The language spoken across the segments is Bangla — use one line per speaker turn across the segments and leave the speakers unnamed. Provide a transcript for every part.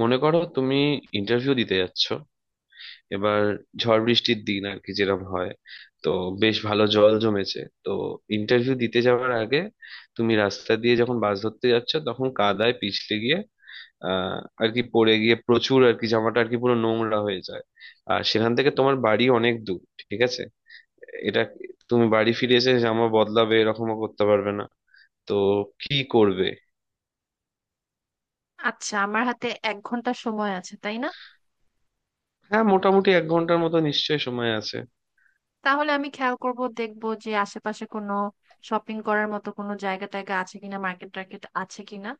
মনে করো তুমি ইন্টারভিউ দিতে যাচ্ছ। এবার ঝড় বৃষ্টির দিন আর কি, যেরকম হয়। তো বেশ ভালো জল জমেছে। তো ইন্টারভিউ দিতে যাওয়ার আগে তুমি রাস্তা দিয়ে যখন বাস ধরতে যাচ্ছ, তখন কাদায় পিছলে গিয়ে আহ আর কি পড়ে গিয়ে প্রচুর আর কি জামাটা আর কি পুরো নোংরা হয়ে যায়। আর সেখান থেকে তোমার বাড়ি অনেক দূর। ঠিক আছে? এটা, তুমি বাড়ি ফিরে এসে জামা বদলাবে এরকমও করতে পারবে না। তো কি করবে?
আচ্ছা, আমার হাতে 1 ঘন্টা সময় আছে, তাই না?
হ্যাঁ, মোটামুটি 1 ঘন্টার মতো নিশ্চয়ই সময় আছে।
তাহলে আমি খেয়াল করব, দেখব যে আশেপাশে কোনো শপিং করার মতো কোনো জায়গা টায়গা আছে কিনা, মার্কেট টার্কেট আছে কিনা।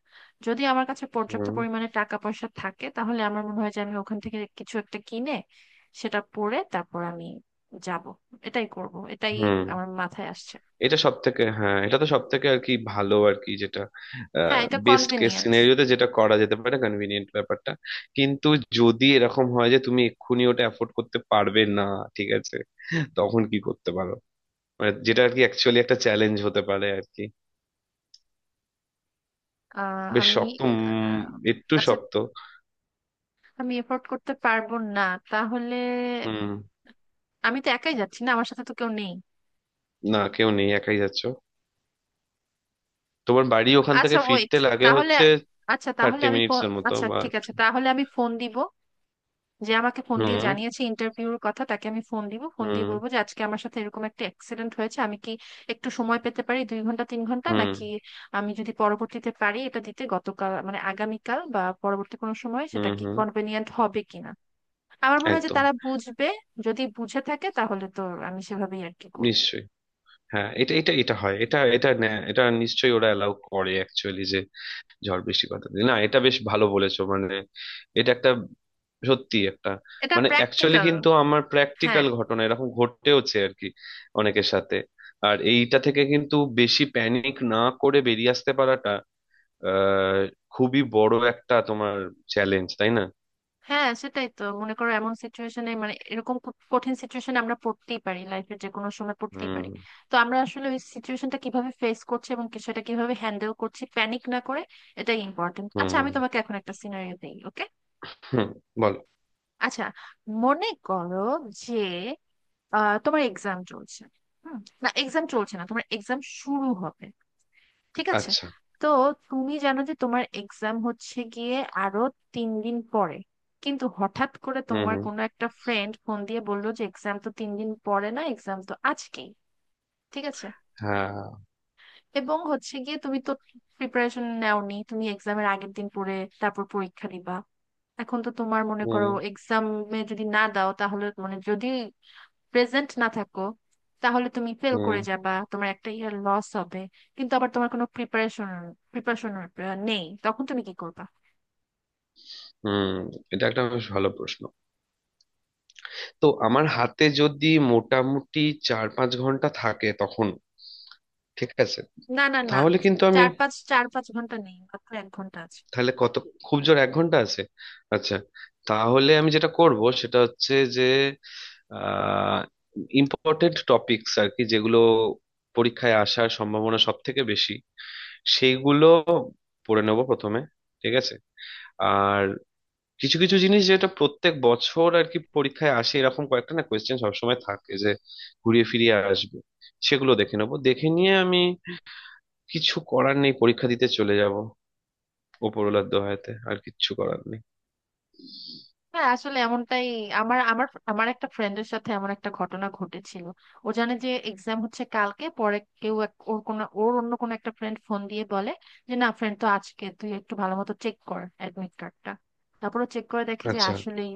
যদি আমার কাছে পর্যাপ্ত
হুম।
পরিমাণে টাকা পয়সা থাকে, তাহলে আমার মনে হয় যে আমি ওখান থেকে কিছু একটা কিনে সেটা পরে তারপর আমি যাব। এটাই করব, এটাই
হুম।
আমার মাথায় আসছে।
এটা সব থেকে হ্যাঁ এটা তো সব থেকে আর কি ভালো আর কি, যেটা
হ্যাঁ, এটা
বেস্ট কেস
কনভিনিয়েন্ট।
সিনারিওতে যেটা করা যেতে পারে। কনভিনিয়েন্ট ব্যাপারটা। কিন্তু যদি এরকম হয় যে তুমি এক্ষুনি ওটা অ্যাফোর্ড করতে পারবে না, ঠিক আছে, তখন কি করতে পারো? মানে যেটা আর কি অ্যাকচুয়ালি একটা চ্যালেঞ্জ হতে পারে আর কি। বেশ
আমি
শক্ত।
আহ,
একটু
আচ্ছা,
শক্ত।
আমি এফোর্ট করতে পারবো না তাহলে।
হুম।
আমি তো একাই যাচ্ছি না, আমার সাথে তো কেউ নেই।
না, কেউ নেই, একাই যাচ্ছ। তোমার বাড়ি ওখান থেকে
আচ্ছা, ওয়েট।
ফিরতে লাগে
তাহলে
হচ্ছে
আচ্ছা, তাহলে
থার্টি
আমি
মিনিটস এর মতো
আচ্ছা
বা
ঠিক আছে,
একটু-
তাহলে আমি ফোন দিব। যে আমাকে ফোন দিয়ে
হুম।
জানিয়েছে ইন্টারভিউর কথা, তাকে আমি ফোন দিব, ফোন দিয়ে
হুম।
বলবো যে আজকে আমার সাথে এরকম একটা অ্যাক্সিডেন্ট হয়েছে, আমি কি একটু সময় পেতে পারি? 2 ঘন্টা 3 ঘন্টা
হুম।
নাকি আমি যদি পরবর্তীতে পারি এটা দিতে, গতকাল মানে আগামীকাল বা পরবর্তী কোনো সময়,
হুম।
সেটা কি
হুম।
কনভেনিয়েন্ট হবে কিনা। আমার মনে হয় যে
একদম।
তারা বুঝবে। যদি বুঝে থাকে তাহলে তো আমি সেভাবেই আর কি করবো।
নিশ্চয়ই। হ্যাঁ এটা এটা এটা হয় এটা এটা ন্যা- এটা নিশ্চয়ই ওরা অ্যালাউ করে অ্যাকচুয়ালি, যে ঝড় বৃষ্টি কথা দিয়ে না। এটা বেশ ভালো বলেছো, মানে এটা একটা সত্যি একটা,
এটা
মানে অ্যাকচুয়ালি
প্র্যাকটিক্যাল।
কিন্তু আমার
হ্যাঁ,
প্র্যাকটিক্যাল ঘটনা এরকম ঘটেওছে আর কি, অনেকের সাথে। আর এইটা থেকে কিন্তু বেশি প্যানিক না করে বেরিয়ে আসতে পারাটা আহ খুবই বড় একটা তোমার চ্যালেঞ্জ, তাই না?
হ্যাঁ, সেটাই তো। মনে করো এমন সিচুয়েশনে, মানে এরকম খুব কঠিন সিচুয়েশনে আমরা পড়তেই পারি, লাইফের যে কোনো সময় পড়তেই
হুম।
পারি। তো আমরা আসলে ওই সিচুয়েশনটা কিভাবে ফেস করছি এবং সেটা কিভাবে হ্যান্ডেল করছি প্যানিক না করে, এটাই ইম্পর্টেন্ট। আচ্ছা,
হুম।
আমি তোমাকে এখন একটা সিনারিও দিই, ওকে?
হুম। বল।
আচ্ছা, মনে করো যে তোমার এক্সাম চলছে। হুম, না এক্সাম চলছে না, তোমার এক্সাম শুরু হবে। ঠিক আছে?
আচ্ছা।
তো তুমি জানো যে তোমার এক্সাম হচ্ছে গিয়ে আরো 3 দিন পরে। কিন্তু হঠাৎ করে
হুম।
তোমার
হুম।
কোনো একটা ফ্রেন্ড ফোন দিয়ে বললো যে এক্সাম তো 3 দিন পরে না, এক্সাম তো আজকেই। ঠিক আছে?
হ্যাঁ।
এবং হচ্ছে গিয়ে, তুমি তো প্রিপারেশন নেওনি, তুমি এক্সামের আগের দিন পরে তারপর পরীক্ষা দিবা। এখন তো তোমার, মনে
হুম।
করো, এক্সামে যদি না দাও, তাহলে মানে যদি প্রেজেন্ট না থাকো, তাহলে তুমি ফেল
হুম।
করে যাবা, তোমার একটা ইয়ার লস হবে। কিন্তু আবার তোমার কোনো প্রিপারেশন প্রিপারেশন নেই, তখন তুমি কি করবা?
হুম। এটা একটা বেশ ভালো প্রশ্ন। তো আমার হাতে যদি মোটামুটি 4-5 ঘন্টা থাকে তখন, ঠিক আছে,
না, না, না,
তাহলে কিন্তু আমি—
চার পাঁচ ঘন্টা নেই, মাত্র 1 ঘন্টা আছে।
তাহলে কত, খুব জোর 1 ঘন্টা আছে। আচ্ছা। তাহলে আমি যেটা করব সেটা হচ্ছে যে আহ ইম্পর্টেন্ট টপিকস আর কি, যেগুলো পরীক্ষায় আসার সম্ভাবনা সব থেকে বেশি, সেইগুলো পড়ে নেব প্রথমে। ঠিক আছে। আর কিছু কিছু জিনিস যেটা প্রত্যেক বছর আর কি পরীক্ষায় আসে, এরকম কয়েকটা না কোয়েশ্চেন সবসময় থাকে যে ঘুরিয়ে ফিরিয়ে আসবে, সেগুলো দেখে নেবো। দেখে নিয়ে আমি, কিছু করার নেই, পরীক্ষা দিতে চলে যাব। ওপরওয়ালার দোহাইতে আর কিচ্ছু করার নেই।
হ্যাঁ, আসলে এমনটাই। আমার আমার আমার একটা ফ্রেন্ডের সাথে এমন একটা ঘটনা ঘটেছিল। ও জানে যে এক্সাম হচ্ছে কালকে, পরে কেউ ওর কোনো ওর অন্য কোনো একটা ফ্রেন্ড ফোন দিয়ে বলে যে না ফ্রেন্ড, তো আজকে তুই একটু ভালো মতো চেক কর অ্যাডমিট কার্ডটা। তারপরে চেক করে দেখে যে
আচ্ছা।
আসলেই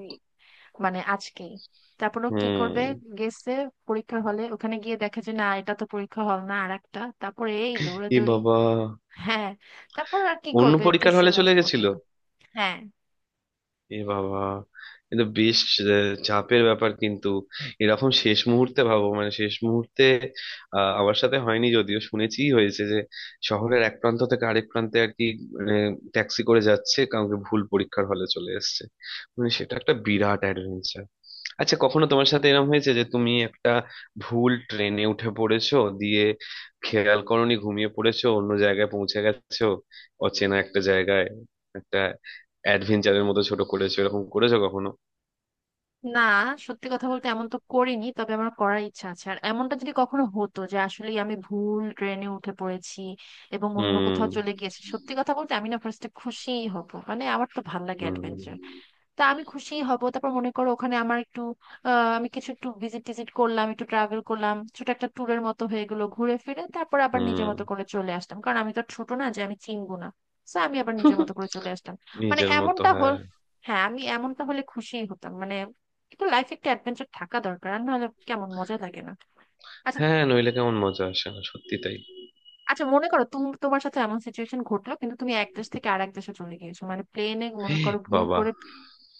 মানে আজকেই। তারপর ও কি করবে?
হুম।
গেছে পরীক্ষা হলে, ওখানে গিয়ে দেখে যে না, এটা তো পরীক্ষা হল না, আর একটা। তারপরে এই
এ
দৌড়াদৌড়ি।
বাবা।
হ্যাঁ। তারপর আর কি
অন্য
করবে,
পরীক্ষার
দিছে
হলে চলে
লাস্ট
গেছিল।
পর্যন্ত। হ্যাঁ।
এ বাবা। এ তো বেশ চাপের ব্যাপার কিন্তু। এরকম শেষ মুহূর্তে ভাবো, মানে শেষ মুহূর্তে আমার সাথে হয়নি, যদিও শুনেছি হয়েছে যে শহরের এক প্রান্ত থেকে আরেক প্রান্তে আর কি, মানে ট্যাক্সি করে যাচ্ছে কাউকে, ভুল পরীক্ষার হলে চলে এসেছে। মানে সেটা একটা বিরাট অ্যাডভেঞ্চার। আচ্ছা, কখনো তোমার সাথে এরকম হয়েছে যে তুমি একটা ভুল ট্রেনে উঠে পড়েছো, দিয়ে খেয়াল করোনি, ঘুমিয়ে পড়েছো, অন্য জায়গায় পৌঁছে গেছো, অচেনা একটা জায়গায়, একটা অ্যাডভেঞ্চারের মতো ছোট করেছো, এরকম করেছো কখনো?
না, সত্যি কথা বলতে এমন তো করিনি, তবে আমার করার ইচ্ছা আছে। আর এমনটা যদি কখনো হতো যে আসলে আমি ভুল ট্রেনে উঠে পড়েছি এবং অন্য
হুম।
কোথাও চলে গিয়েছি, সত্যি কথা বলতে আমি না ফার্স্টে খুশিই হব। মানে আমার তো ভাল লাগে
হুম।
অ্যাডভেঞ্চার। তা আমি খুশি হব। তারপর মনে করো ওখানে আমার একটু আমি কিছু একটু ভিজিট টিজিট করলাম, একটু ট্রাভেল করলাম, ছোট একটা ট্যুরের মতো হয়ে গেলো ঘুরে ফিরে, তারপর আবার নিজের
হুম।
মতো করে চলে আসলাম, কারণ আমি তো আর ছোট না যে আমি চিনবো না। তো আমি আবার নিজের মতো করে চলে আসলাম। মানে
নিজের মতো,
এমনটা হল,
হ্যাঁ।
হ্যাঁ, আমি এমনটা হলে খুশিই হতাম। মানে একটু লাইফে একটা অ্যাডভেঞ্চার থাকা দরকার, আর নাহলে কেমন মজা লাগে না। আচ্ছা,
হ্যাঁ, নইলে কেমন মজা আসে না, সত্যি তাই।
আচ্ছা, মনে করো তুমি, তোমার সাথে এমন সিচুয়েশন ঘটলো, কিন্তু তুমি এক দেশ থেকে আরেক দেশে চলে গিয়েছো, মানে প্লেনে, মনে করো, ভুল
বাবা।
করে।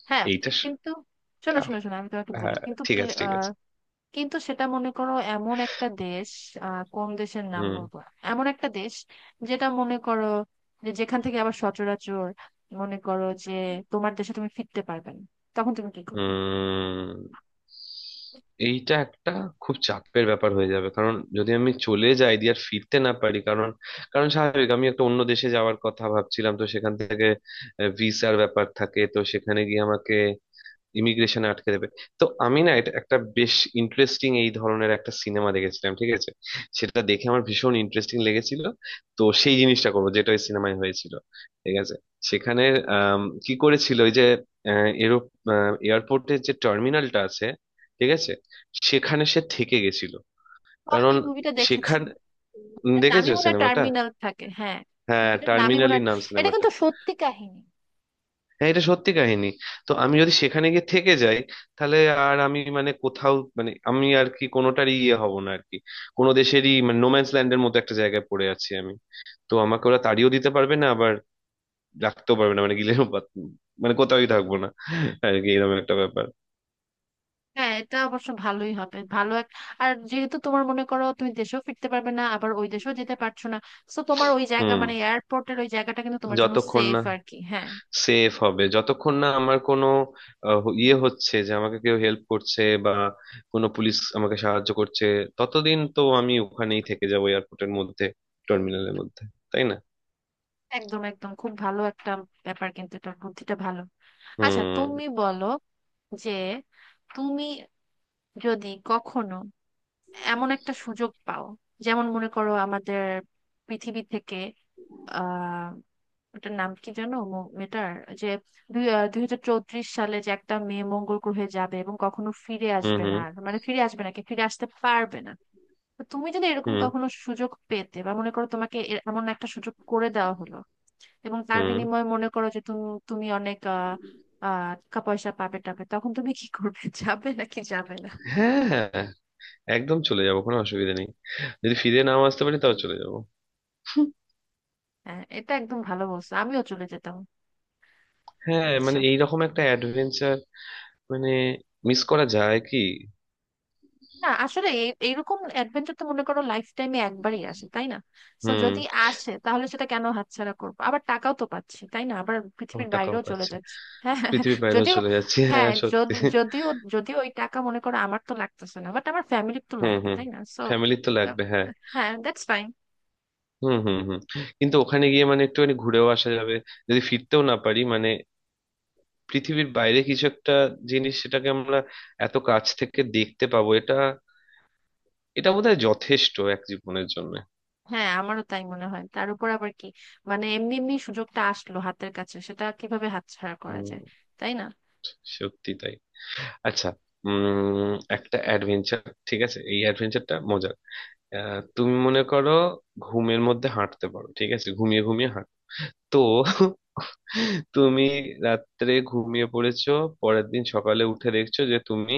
হ্যাঁ।
এইটা স-
কিন্তু শোনো,
দাও।
শোনো, শোনো, আমি তোমাকে বলি,
হ্যাঁ,
কিন্তু
ঠিক আছে, ঠিক আছে।
কিন্তু সেটা মনে করো এমন একটা দেশ, কোন দেশের নাম
হুম।
বলবো, এমন একটা দেশ যেটা মনে করো যে, যেখান থেকে আবার সচরাচর, মনে করো যে তোমার দেশে তুমি ফিরতে পারবে না, তখন তুমি কি করবে?
হুম। এইটা একটা খুব চাপের ব্যাপার হয়ে যাবে, কারণ যদি আমি চলে যাই দিয়ে আর ফিরতে না পারি, কারণ কারণ স্বাভাবিক আমি একটা অন্য দেশে যাওয়ার কথা ভাবছিলাম, তো সেখান থেকে ভিসার ব্যাপার থাকে, তো সেখানে গিয়ে আমাকে ইমিগ্রেশনে আটকে দেবে। তো আমি না, এটা একটা বেশ ইন্টারেস্টিং, এই ধরনের একটা সিনেমা দেখেছিলাম, ঠিক আছে, সেটা দেখে আমার ভীষণ ইন্টারেস্টিং লেগেছিল। তো সেই জিনিসটা করবো যেটা ওই সিনেমায় হয়েছিল। ঠিক আছে। সেখানে, কি করেছিল, ওই যে এরো এয়ারপোর্টের যে টার্মিনালটা আছে, ঠিক আছে, সেখানে সে থেকে গেছিল।
ও, আমি
কারণ
মুভিটা দেখেছি।
সেখান—
মুভিটার নামই
দেখেছো
মনে হয়
সিনেমাটা?
টার্মিনাল থাকে, হ্যাঁ।
হ্যাঁ,
মুভিটার নামই মনে
টার্মিনালি
হয়।
নাম
এটা
সিনেমাটা।
কিন্তু সত্যি কাহিনী।
হ্যাঁ, এটা সত্যি কাহিনী। তো আমি যদি সেখানে গিয়ে থেকে যাই, তাহলে আর আমি মানে কোথাও মানে আমি আর কি কোনোটারই ইয়ে হব না আর কি, কোনো দেশেরই। মানে নোম্যান্স ল্যান্ডের মতো একটা জায়গায় পড়ে আছি আমি। তো আমাকে ওরা তাড়িয়েও দিতে পারবে না, আবার রাখতেও পারবে না। মানে মানে কোথাওই থাকবো না আর কি, এরকম একটা ব্যাপার।
হ্যাঁ, এটা অবশ্য ভালোই হবে, ভালো এক। আর যেহেতু তোমার, মনে করো, তুমি দেশেও ফিরতে পারবে না আবার ওই দেশেও যেতে পারছো না, তো তোমার ওই জায়গা
হুম।
মানে এয়ারপোর্টের ওই জায়গাটা কিন্তু তোমার জন্য
যতক্ষণ
সেফ
না
আর কি, হ্যাঁ।
সেফ হবে, যতক্ষণ না আমার কোনো ইয়ে হচ্ছে, যে আমাকে কেউ হেল্প করছে বা কোনো পুলিশ আমাকে সাহায্য করছে, ততদিন তো আমি ওখানেই থেকে যাবো এয়ারপোর্টের মধ্যে, টার্মিনালের মধ্যে, তাই না?
একদম, একদম, খুব ভালো একটা ব্যাপার কিন্তু এটা, বুদ্ধিটা ভালো। আচ্ছা,
হুম।
তুমি বলো যে তুমি যদি কখনো এমন একটা সুযোগ পাও, যেমন মনে করো আমাদের পৃথিবী থেকে, ওটার নাম কি জানো, মেয়েটার যে 2034 সালে যে একটা মেয়ে মঙ্গল গ্রহে যাবে এবং কখনো ফিরে
হুম।
আসবে না,
হুম।
আর মানে ফিরে আসবে না কি ফিরে আসতে পারবে না। তো তুমি যদি এরকম
হুম।
কখনো সুযোগ পেতে, বা মনে করো তোমাকে এমন একটা সুযোগ করে দেওয়া হলো, এবং তার
হুম।
বিনিময়ে মনে করো যে তুমি, তুমি অনেক আহ আহ, টাকা পয়সা পাবে টাবে, তখন তুমি কি করবে? যাবে নাকি যাবে না?
হ্যাঁ, হ্যাঁ, একদম চলে যাবো, কোনো অসুবিধা নেই। যদি ফিরে নাও আসতে পারি তাও চলে যাবো।
হ্যাঁ, এটা একদম ভালো বলছো, আমিও চলে যেতাম।
হ্যাঁ,
আচ্ছা,
মানে এইরকম একটা অ্যাডভেঞ্চার মানে মিস করা যায় কি?
না আসলে এইরকম অ্যাডভেঞ্চার তো মনে করো লাইফ টাইমে একবারই আসে, তাই না? তো
হুম।
যদি আসে, তাহলে সেটা কেন হাতছাড়া করবো? আবার টাকাও তো পাচ্ছি, তাই না, আবার পৃথিবীর
আমার টাকাও
বাইরেও চলে
পাচ্ছে,
যাচ্ছি। হ্যাঁ,
পৃথিবীর বাইরেও
যদিও,
চলে যাচ্ছি।
হ্যাঁ
হ্যাঁ, সত্যি।
যদি, যদিও যদিও ওই টাকা, মনে করো, আমার তো লাগতেছে না, বাট আমার ফ্যামিলির তো
হুম।
লাগবে,
হুম।
তাই না, সো
ফ্যামিলি তো লাগবে, হ্যাঁ।
হ্যাঁ, দ্যাটস ফাইন।
হুম। হুম। হুম। কিন্তু ওখানে গিয়ে মানে একটুখানি ঘুরেও আসা যাবে, যদি ফিরতেও না পারি মানে। পৃথিবীর বাইরে কিছু একটা জিনিস সেটাকে আমরা এত কাছ থেকে দেখতে পাবো, এটা এটা বোধহয় যথেষ্ট এক জীবনের জন্য।
হ্যাঁ, আমারও তাই মনে হয়, তার উপর আবার কি, মানে এমনি এমনি সুযোগটা আসলো হাতের কাছে, সেটা কিভাবে হাতছাড়া করা
হুম,
যায়, তাই না?
সত্যি তাই। আচ্ছা। একটা অ্যাডভেঞ্চার, ঠিক আছে, এই অ্যাডভেঞ্চারটা মজার। তুমি মনে করো ঘুমের মধ্যে হাঁটতে পারো, ঠিক আছে, ঘুমিয়ে ঘুমিয়ে হাঁটো। তো তুমি রাত্রে ঘুমিয়ে পড়েছো, পরের দিন সকালে উঠে দেখছো যে তুমি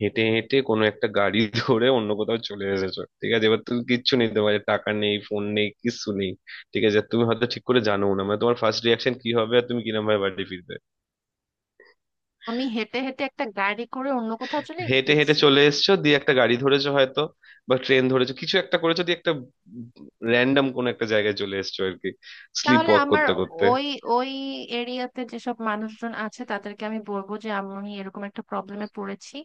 হেঁটে হেঁটে কোনো একটা গাড়ি ধরে অন্য কোথাও চলে এসেছো। ঠিক আছে, এবার তুমি কিচ্ছু নেই, তোমার টাকা নেই, ফোন নেই, কিচ্ছু নেই। ঠিক আছে, তুমি হয়তো ঠিক করে জানো না মানে তোমার ফার্স্ট রিয়াকশন কি হবে আর তুমি কিরম ভাবে বাড়ি ফিরবে।
আমি হেঁটে হেঁটে একটা গাড়ি করে অন্য কোথাও চলে
হেঁটে হেঁটে
গেছি?
চলে এসেছো দিয়ে একটা গাড়ি ধরেছো হয়তো, বা ট্রেন ধরেছো, কিছু একটা করেছো দিয়ে একটা র্যান্ডম কোন একটা জায়গায় চলে এসেছো আর কি, স্লিপ
তাহলে
ওয়াক
আমার,
করতে করতে।
ওই ওই এরিয়াতে যেসব মানুষজন আছে তাদেরকে আমি বলবো যে আমি এরকম একটা প্রবলেমে পড়েছি,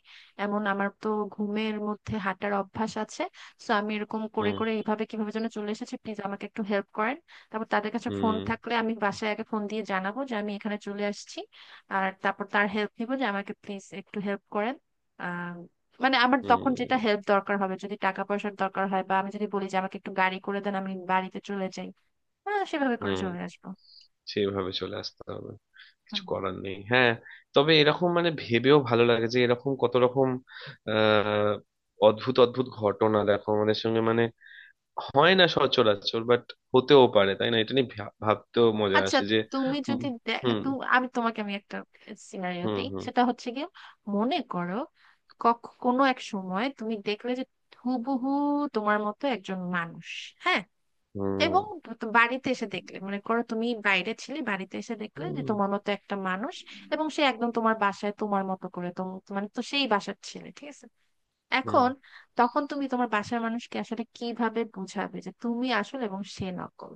এমন আমার তো ঘুমের মধ্যে হাঁটার অভ্যাস আছে, সো আমি এরকম করে
হুম।
করে এইভাবে কিভাবে যেন চলে এসেছি, প্লিজ আমাকে একটু হেল্প করেন। তারপর তাদের কাছে ফোন
হুম।
থাকলে আমি বাসায় আগে ফোন দিয়ে জানাবো যে আমি এখানে চলে আসছি। আর তারপর তার হেল্প নিবো যে আমাকে প্লিজ একটু হেল্প করেন। আহ মানে আমার তখন যেটা
হুম।
হেল্প দরকার হবে, যদি টাকা পয়সার দরকার হয়, বা আমি যদি বলি যে আমাকে একটু গাড়ি করে দেন, আমি বাড়িতে চলে যাই। হ্যাঁ, সেভাবে করে
হুম।
চলে আসবো।
সেইভাবে চলে আসতে হবে, কিছু
হুম।
করার নেই, হ্যাঁ। তবে এরকম মানে ভেবেও ভালো লাগে, যে এরকম কত রকম আহ অদ্ভুত অদ্ভুত ঘটনা দেখো আমাদের সঙ্গে মানে, হয় না সচরাচর, বাট হতেও পারে, তাই না? এটা নিয়ে ভাবতেও মজা
আচ্ছা,
আসে যে—
তুমি
হুম।
যদি
হুম।
আমি তোমাকে আমি একটা সিনারিও
হুম।
দিই,
হুম।
সেটা হচ্ছে গিয়ে, মনে করো কোনো এক সময় তুমি দেখলে যে হুবহু তোমার মতো একজন মানুষ, হ্যাঁ,
হুম।
এবং তো বাড়িতে এসে দেখলে, মনে করো তুমি বাইরে ছিলে, বাড়িতে এসে দেখলে যে
হুম।
তোমার মতো একটা মানুষ, এবং সে একদম তোমার বাসায় তোমার মতো করে মানে তো সেই বাসার ছেলে, ঠিক আছে?
হুম।
এখন তখন তুমি তোমার বাসার মানুষকে আসলে কিভাবে বুঝাবে যে তুমি আসল এবং সে নকল?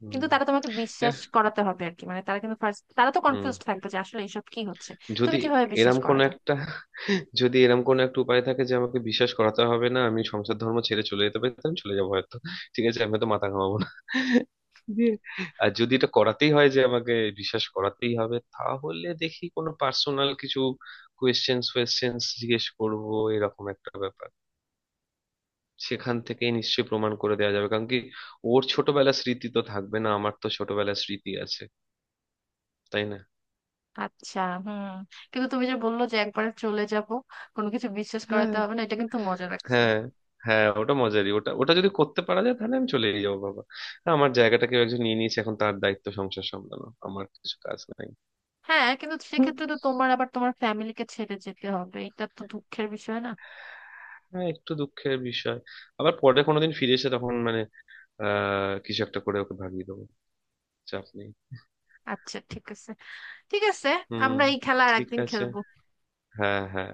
হুম,
কিন্তু তারা, তোমাকে
এহ,
বিশ্বাস করাতে হবে আর কি, মানে তারা কিন্তু ফার্স্ট, তারা তো
হুম।
কনফিউজড থাকবে যে আসলে এইসব কি হচ্ছে। তুমি
যদি
কিভাবে বিশ্বাস
এরম কোন
করাবে?
একটা যদি এরম কোন একটা উপায় থাকে যে আমাকে বিশ্বাস করাতে হবে না, আমি সংসার ধর্ম ছেড়ে চলে যেতে পারি, তাহলে আমি চলে যাবো হয়তো। ঠিক আছে, আমি তো মাথা ঘামাবো না দিয়ে। আর যদি এটা করাতেই হয় যে আমাকে বিশ্বাস করাতেই হবে, তাহলে দেখি, কোনো পার্সোনাল কিছু কোয়েশ্চেন্স ফোয়েশ্চেন্স জিজ্ঞেস করব, এরকম একটা ব্যাপার। সেখান থেকে নিশ্চয়ই প্রমাণ করে দেওয়া যাবে, কারণ কি, ওর ছোটবেলার স্মৃতি তো থাকবে না, আমার তো ছোটবেলার স্মৃতি আছে। তাই না?
আচ্ছা, হুম, কিন্তু তুমি যে বললো যে একবার চলে যাব, কোনো কিছু বিশ্বাস করাতে
হ্যাঁ,
হবে না, এটা কিন্তু মজা লাগছে।
হ্যাঁ। হ্যাঁ, ওটা মজারই। ওটা ওটা যদি করতে পারা যায় তাহলে আমি চলেই যাবো বাবা। হ্যাঁ, আমার জায়গাটা কেউ একজন নিয়ে নিয়েছে, এখন তার দায়িত্ব সংসার সামলানো, আমার কিছু কাজ নাই।
হ্যাঁ, কিন্তু
হুম,
সেক্ষেত্রে তো তোমার আবার তোমার ফ্যামিলিকে ছেড়ে যেতে হবে, এটা তো দুঃখের বিষয় না?
হ্যাঁ, একটু দুঃখের বিষয়। আবার পরে কোনোদিন ফিরে এসে তখন মানে কিছু একটা করে ওকে ভাগিয়ে দেবো। চাপ নেই।
আচ্ছা, ঠিক আছে, ঠিক আছে,
হুম।
আমরা এই খেলা আর
ঠিক
একদিন
আছে।
খেলবো।
হ্যাঁ, হ্যাঁ।